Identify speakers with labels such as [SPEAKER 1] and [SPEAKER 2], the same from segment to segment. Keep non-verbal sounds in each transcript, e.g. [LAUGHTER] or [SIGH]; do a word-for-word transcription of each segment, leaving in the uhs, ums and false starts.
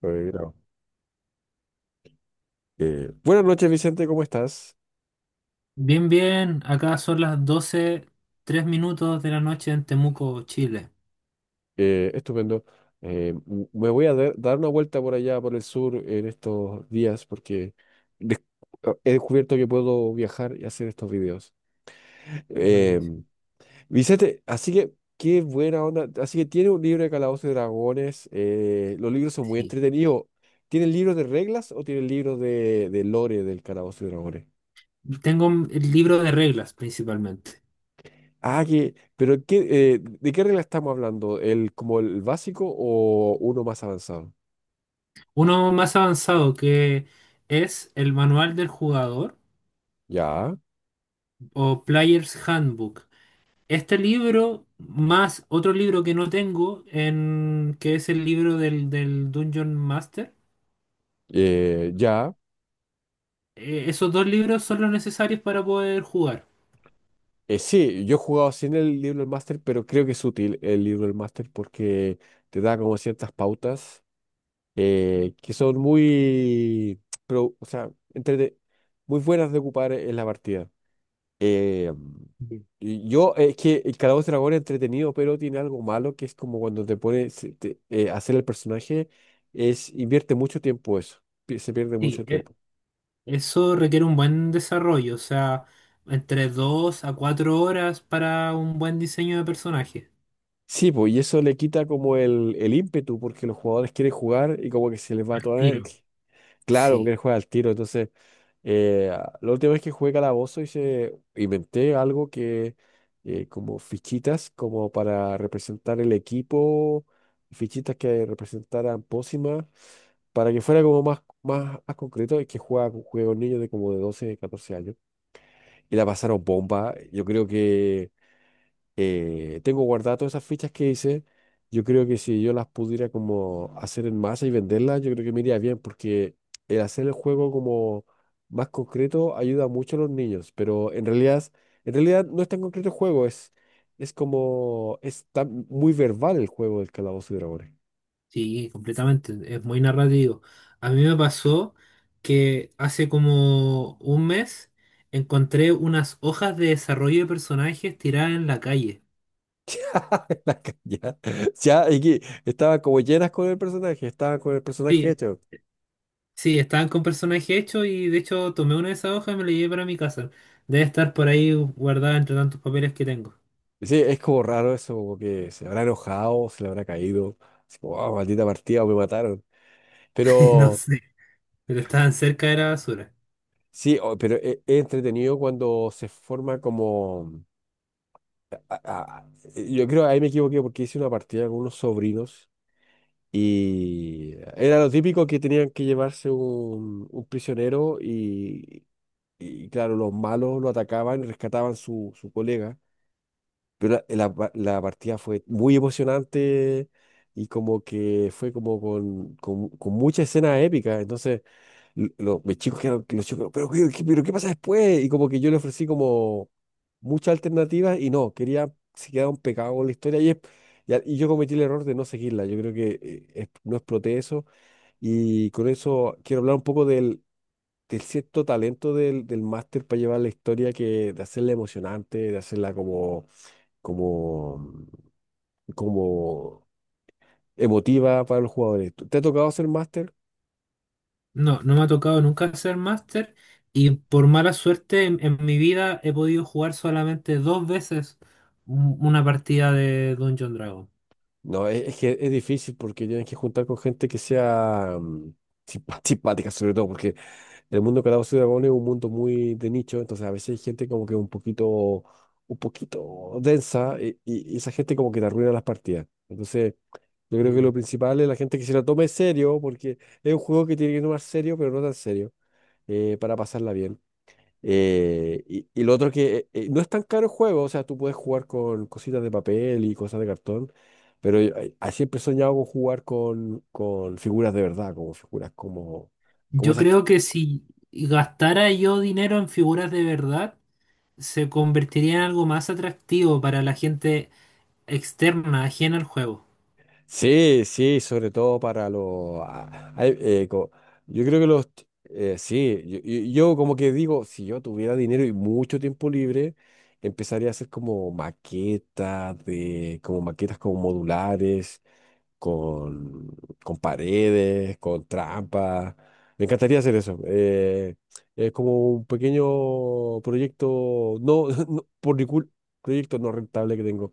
[SPEAKER 1] Pero mira, eh, buenas noches, Vicente, ¿cómo estás?
[SPEAKER 2] Bien, bien, acá son las doce tres minutos de la noche en Temuco, Chile.
[SPEAKER 1] Eh, estupendo. Eh, m- me voy a dar, dar una vuelta por allá, por el sur, en estos días, porque des- oh, he descubierto que puedo viajar y hacer estos videos. [LAUGHS] Eh,
[SPEAKER 2] Buenísimo.
[SPEAKER 1] Vicente, así que, qué buena onda. Así que tiene un libro de Calabozos y Dragones. eh, los libros son muy
[SPEAKER 2] Sí.
[SPEAKER 1] entretenidos. ¿Tienen libros de reglas o tienen libros de, de lore del Calabozo y Dragones?
[SPEAKER 2] Tengo el libro de reglas principalmente.
[SPEAKER 1] Ah, que, pero qué, eh, ¿de qué regla estamos hablando? ¿El como el básico o uno más avanzado?
[SPEAKER 2] Uno más avanzado que es el Manual del Jugador
[SPEAKER 1] Ya,
[SPEAKER 2] o Player's Handbook. Este libro más otro libro que no tengo, en, que es el libro del, del Dungeon Master.
[SPEAKER 1] eh, ya.
[SPEAKER 2] Eh, esos dos libros son los necesarios para poder jugar.
[SPEAKER 1] Eh, sí, yo he jugado sin el libro del máster, pero creo que es útil el libro del máster porque te da como ciertas pautas, eh, que son muy, pero, o sea, entrete- muy buenas de ocupar en la partida. Eh,
[SPEAKER 2] Bien.
[SPEAKER 1] y yo, es que el Calabozo y Dragón es entretenido, pero tiene algo malo que es como cuando te pones a hacer el personaje, es invierte mucho tiempo eso, pi- se pierde
[SPEAKER 2] Sí,
[SPEAKER 1] mucho
[SPEAKER 2] e-
[SPEAKER 1] tiempo.
[SPEAKER 2] Eso requiere un buen desarrollo, o sea, entre dos a cuatro horas para un buen diseño de personaje.
[SPEAKER 1] Sí, pues, y eso le quita como el, el ímpetu, porque los jugadores quieren jugar y como que se les va
[SPEAKER 2] Al
[SPEAKER 1] toda la
[SPEAKER 2] tiro.
[SPEAKER 1] energía. Claro, porque él
[SPEAKER 2] Sí,
[SPEAKER 1] juega al tiro. Entonces, eh, la última vez que jugué Calabozo hice, inventé algo que, eh, como fichitas, como para representar el equipo, fichitas que representaran pócimas, para que fuera como más, más, más concreto, es que juega con juegos niños de como de doce catorce años. Y la pasaron bomba. Yo creo que eh, tengo guardadas todas esas fichas que hice. Yo creo que si yo las pudiera como hacer en masa y venderlas, yo creo que me iría bien, porque el hacer el juego como más concreto ayuda mucho a los niños, pero en realidad, en realidad no es tan concreto el juego, es, es como, es tan muy verbal el juego del Calabozo y Dragones.
[SPEAKER 2] sí, completamente. Es muy narrativo. A mí me pasó que hace como un mes encontré unas hojas de desarrollo de personajes tiradas en la calle.
[SPEAKER 1] [LAUGHS] La ca- Ya, y que estaba como llenas con el personaje, estaba con el personaje
[SPEAKER 2] Sí,
[SPEAKER 1] hecho.
[SPEAKER 2] sí, estaban con personaje hecho y de hecho tomé una de esas hojas y me la llevé para mi casa. Debe estar por ahí guardada entre tantos papeles que tengo.
[SPEAKER 1] Sí, es como raro eso, como que se habrá enojado, se le habrá caído. Así como, "Ah, maldita partida, me mataron".
[SPEAKER 2] [LAUGHS] No
[SPEAKER 1] Pero
[SPEAKER 2] sé, pero estaban cerca de la basura.
[SPEAKER 1] sí, o- pero e- es, entretenido cuando se forma como. a- a- yo creo, ahí me equivoqué porque hice una partida con unos sobrinos y era lo típico que tenían que llevarse un, un prisionero y, y claro, los malos lo atacaban y rescataban su, su colega. Pero la, la- la partida fue muy emocionante y como que fue como con, con, con mucha escena épica. Entonces, l- lo- mis chicos quedaron, los chicos, pero, ¿qué- qué- pero ¿qué pasa después? Y como que yo le ofrecí como muchas alternativas y no, quería, se quedaron pegados con la historia y, es- y, a- y yo cometí el error de no seguirla. Yo creo que eh, es- no exploté eso. Y con eso quiero hablar un poco del, del cierto talento del, del máster para llevar la historia, que de hacerla emocionante, de hacerla como como, como emotiva para los jugadores. ¿Te ha tocado hacer máster?
[SPEAKER 2] No, no me ha tocado nunca hacer máster y por mala suerte en, en mi vida he podido jugar solamente dos veces un- una partida de Dungeon Dragon.
[SPEAKER 1] No, es, es que es difícil porque tienes que juntar con gente que sea mm, simpa- simpática, sobre todo, porque el mundo de Calabozos y Dragones es un mundo muy de nicho, entonces a veces hay gente como que un poquito, un poquito densa y, y- y esa gente como que te arruina las partidas. Entonces, yo creo que lo
[SPEAKER 2] Y
[SPEAKER 1] principal es la gente que se la tome serio, porque es un juego que tiene que tomar serio, pero no tan serio, eh, para pasarla bien. Eh, y, y lo otro que eh, no es tan caro el juego, o sea, tú puedes jugar con cositas de papel y cosas de cartón, pero yo, eh, ah, siempre he soñado con jugar con, con figuras de verdad, como figuras como, como
[SPEAKER 2] yo
[SPEAKER 1] esas que...
[SPEAKER 2] creo que si gastara yo dinero en figuras de verdad, se convertiría en algo más atractivo para la gente externa, ajena al juego.
[SPEAKER 1] Sí, sí, sobre todo para los... ah, hay, eh, co- yo creo que los... eh, sí, yo, yo- yo como que digo, si yo tuviera dinero y mucho tiempo libre, empezaría a hacer como maquetas de, como maquetas como modulares con, con paredes, con trampas. Me encantaría hacer eso. Eh, es como un pequeño proyecto, no, [LAUGHS] no por mi cul- proyecto no rentable que tengo.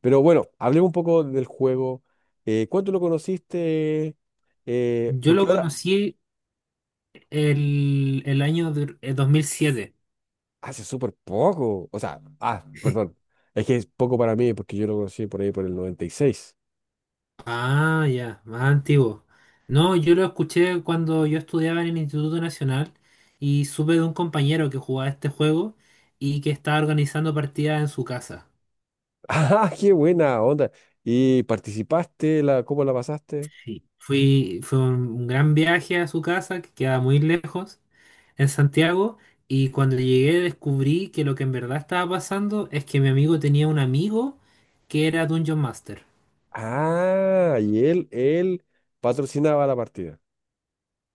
[SPEAKER 1] Pero bueno, hablemos un poco del juego. Eh, ¿cuánto lo conociste? Eh,
[SPEAKER 2] Yo
[SPEAKER 1] porque
[SPEAKER 2] lo
[SPEAKER 1] ahora
[SPEAKER 2] conocí el, el año de- eh, dos mil siete.
[SPEAKER 1] hace súper poco. O sea, ah, perdón. Es que es poco para mí porque yo lo conocí por ahí por el noventa y seis.
[SPEAKER 2] Ah, ya, más antiguo. No, yo lo escuché cuando yo estudiaba en el Instituto Nacional y supe de un compañero que jugaba este juego y que estaba organizando partidas en su casa.
[SPEAKER 1] [LAUGHS] ¡Ah, qué buena onda! ¿Y participaste? La, ¿cómo la pasaste?
[SPEAKER 2] Sí. Fui, fue un, un gran viaje a su casa, que queda muy lejos, en Santiago, y cuando llegué descubrí que lo que en verdad estaba pasando es que mi amigo tenía un amigo que era Dungeon Master.
[SPEAKER 1] Ah, y él, él patrocinaba la partida.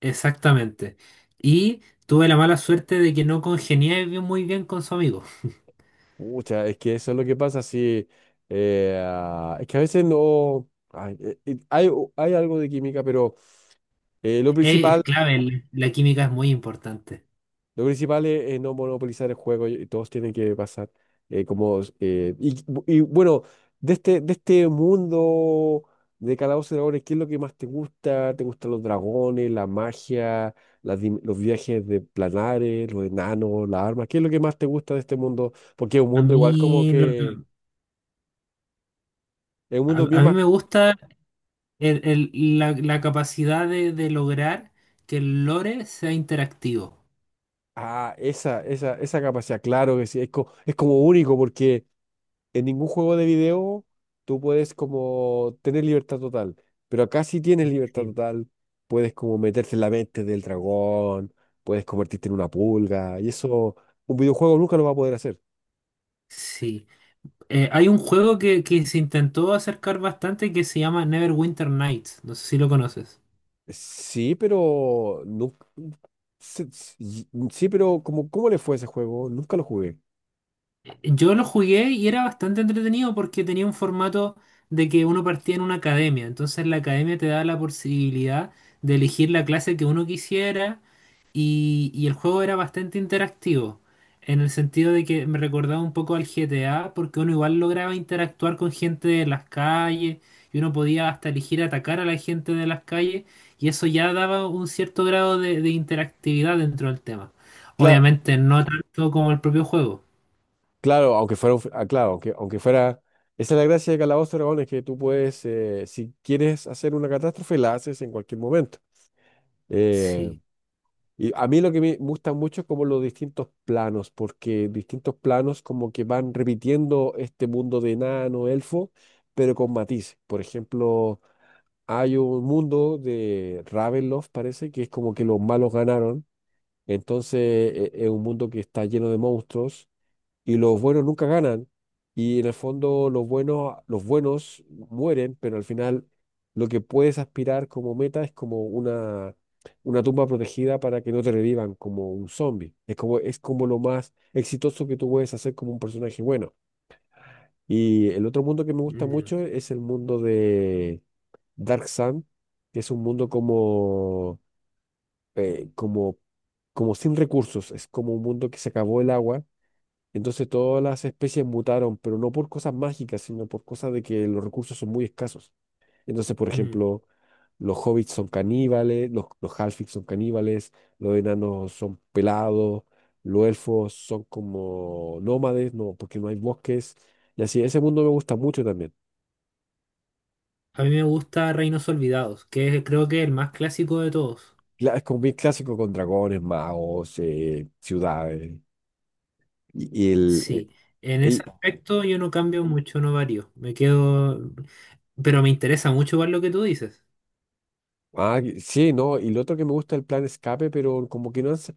[SPEAKER 2] Exactamente. Y tuve la mala suerte de que no congenié bien- muy bien con su amigo.
[SPEAKER 1] Pucha, es que eso es lo que pasa. Si eh, ah, es que a veces no... ay, eh, eh, hay, hay algo de química, pero eh, lo
[SPEAKER 2] Es
[SPEAKER 1] principal...
[SPEAKER 2] clave, el- la química es muy importante.
[SPEAKER 1] Lo principal es, es no monopolizar el juego y todos tienen que pasar eh, como... eh, y, y bueno, de este, de este mundo de Calabozos y Dragones, ¿qué es lo que más te gusta? ¿Te gustan los dragones, la magia, las dim- los viajes de planares, los enanos, las armas? ¿Qué es lo que más te gusta de este mundo? Porque es un
[SPEAKER 2] A
[SPEAKER 1] mundo igual como
[SPEAKER 2] mí, lo que-
[SPEAKER 1] que... Es un
[SPEAKER 2] a,
[SPEAKER 1] mundo
[SPEAKER 2] a
[SPEAKER 1] bien
[SPEAKER 2] mí
[SPEAKER 1] más...
[SPEAKER 2] me gusta el- el- la, la capacidad de, de lograr que el lore sea interactivo.
[SPEAKER 1] Ah, esa, esa, esa capacidad, claro que sí, es, co- es como único porque... en ningún juego de video tú puedes como tener libertad total, pero acá sí tienes libertad
[SPEAKER 2] Sí.
[SPEAKER 1] total, puedes como meterte en la mente del dragón, puedes convertirte en una pulga, y eso un videojuego nunca lo va a poder hacer.
[SPEAKER 2] Sí. Eh, hay un juego que, que se intentó acercar bastante que se llama Neverwinter Nights. No sé si lo conoces.
[SPEAKER 1] Sí, pero nunca... Sí, sí, sí, pero como, ¿cómo le fue a ese juego? Nunca lo jugué.
[SPEAKER 2] Yo lo jugué y era bastante entretenido porque tenía un formato de que uno partía en una academia. Entonces la academia te daba la posibilidad de elegir la clase que uno quisiera y, y el juego era bastante interactivo. En el sentido de que me recordaba un poco al G T A porque uno igual lograba interactuar con gente de las calles y uno podía hasta elegir atacar a la gente de las calles y eso ya daba un cierto grado de, de interactividad dentro del tema.
[SPEAKER 1] Claro,
[SPEAKER 2] Obviamente no tanto como el propio juego.
[SPEAKER 1] claro, aunque fuera, un f- ah, claro, aunque, aunque fuera, esa es la gracia de Calabozos y Dragones, que tú puedes, eh, si quieres hacer una catástrofe, la haces en cualquier momento. Eh,
[SPEAKER 2] Sí.
[SPEAKER 1] Y a mí lo que me gusta mucho es como los distintos planos, porque distintos planos como que van repitiendo este mundo de enano, elfo, pero con matices. Por ejemplo, hay un mundo de Ravenloft, parece, que es como que los malos ganaron. Entonces e- e, es un mundo que está lleno de monstruos y los buenos nunca ganan. Y en el fondo los buenos, los buenos mueren, pero al final lo que puedes aspirar como meta es como una, una tumba protegida para que no te revivan como un zombie. Es como, es como lo más exitoso que tú puedes hacer como un personaje bueno. Y el otro mundo que me gusta
[SPEAKER 2] Ya.
[SPEAKER 1] mucho es el mundo de Dark Sun, que es un mundo como, eh, como, como sin recursos. Es como un mundo que se acabó el agua entonces todas las especies mutaron, pero no por cosas mágicas, sino por cosas de que los recursos son muy escasos. Entonces, por
[SPEAKER 2] Mm.
[SPEAKER 1] ejemplo, los hobbits son caníbales, los, los halflings son caníbales, los enanos son pelados, los elfos son como nómades, no, porque no hay bosques. Y así, ese mundo me gusta mucho también.
[SPEAKER 2] A mí me gusta Reinos Olvidados, que es creo que el más clásico de todos.
[SPEAKER 1] Cla- Es como bien clásico con dragones, magos, eh, ciudades. Y, y el,
[SPEAKER 2] Sí, en ese
[SPEAKER 1] eh,
[SPEAKER 2] aspecto yo no cambio mucho, no varío. Me quedo, pero me interesa mucho ver lo que tú dices.
[SPEAKER 1] ah, que- sí, no, y lo otro que me gusta es el plan escape, pero como que no han, sa-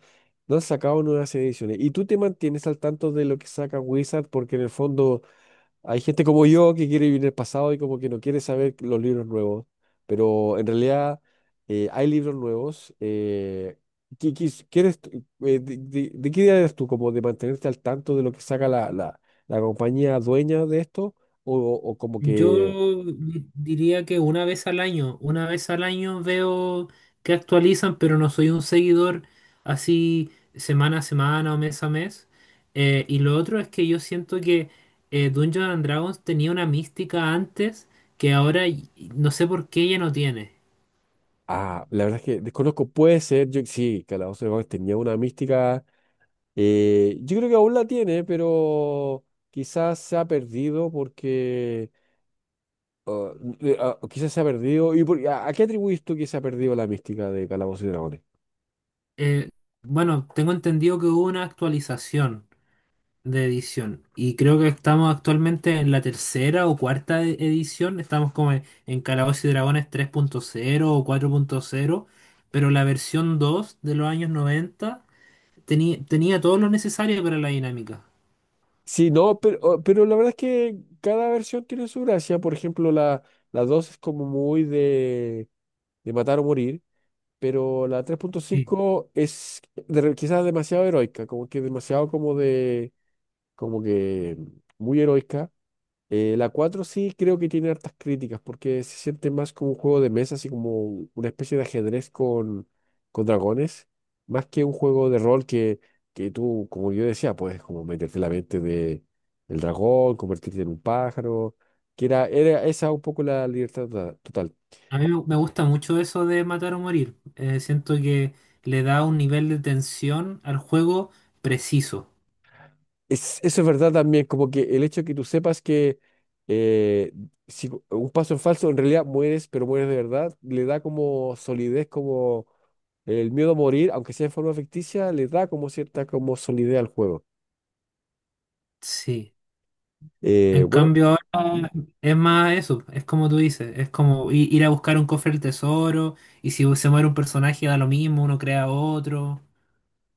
[SPEAKER 1] no han sacado nuevas ediciones. ¿Y tú te mantienes al tanto de lo que saca Wizard? Porque en el fondo hay gente como yo que quiere vivir el pasado y como que no quiere saber los libros nuevos. Pero en realidad eh, hay libros nuevos. Eh, ¿qué- qué quieres tú- eh, de, de- ¿De qué idea eres tú? ¿Como de mantenerte al tanto de lo que saca la, la, la compañía dueña de esto? ¿O, o como
[SPEAKER 2] Yo
[SPEAKER 1] que...
[SPEAKER 2] di- diría que una vez al año, una vez al año veo que actualizan, pero no soy un seguidor así semana a semana o mes a mes. Eh, y lo otro es que yo siento que eh, Dungeons and Dragons tenía una mística antes que ahora y- y no sé por qué ya no tiene.
[SPEAKER 1] Ah, la verdad es que desconozco, puede ser, yo sí, Calabozo de Dragones tenía una mística, eh, yo creo que aún la tiene, pero quizás se ha perdido porque, ah, eh, ah, quizás se ha perdido. ¿Y por- a, a qué atribuís tú que se ha perdido la mística de Calabozo y Dragones?
[SPEAKER 2] Eh, bueno, tengo entendido que hubo una actualización de edición. Y creo que estamos actualmente en la tercera o cuarta e- edición. Estamos como en, en Calabozos y Dragones tres punto cero o cuatro punto cero. Pero la versión dos de los años noventa tenía, tenía todo lo necesario para la dinámica.
[SPEAKER 1] Sí, no, pero, oh, pero la verdad es que cada versión tiene su gracia, por ejemplo, la, la dos es como muy de, de matar o morir, pero la tres punto
[SPEAKER 2] Sí.
[SPEAKER 1] cinco es de- quizás demasiado heroica, como que demasiado como de como que muy heroica. Eh, la cuatro sí creo que tiene hartas críticas porque se siente más como un juego de mesa, así como una especie de ajedrez con, con dragones, más que un juego de rol que, que tú, como yo decía, puedes como meterte en la mente de, del dragón, convertirte en un pájaro, que era, era esa un poco la libertad ta- total.
[SPEAKER 2] A mí me me gusta mucho eso de matar o morir. Eh, siento que le da un nivel de tensión al juego preciso.
[SPEAKER 1] Es- eso es verdad también, como que el hecho de que tú sepas que eh, si un paso en falso, en realidad mueres, pero mueres de verdad, le da como solidez, como el miedo a morir, aunque sea en forma ficticia, le da como cierta como solidez al juego.
[SPEAKER 2] Sí.
[SPEAKER 1] Eh,
[SPEAKER 2] En
[SPEAKER 1] bueno,
[SPEAKER 2] cambio
[SPEAKER 1] mm.
[SPEAKER 2] ahora es más eso, es como tú dices, es como i- ir a buscar un cofre del tesoro y si se muere un personaje da lo mismo, uno crea otro.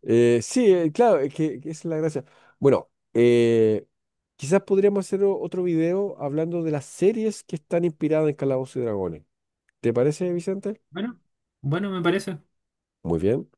[SPEAKER 1] eh, sí, eh, claro, es que, que esa es la gracia. Bueno, eh, quizás podríamos hacer o- otro video hablando de las series que están inspiradas en Calabozos y Dragones. ¿Te parece, Vicente?
[SPEAKER 2] Bueno, bueno, me parece.
[SPEAKER 1] Muy bien.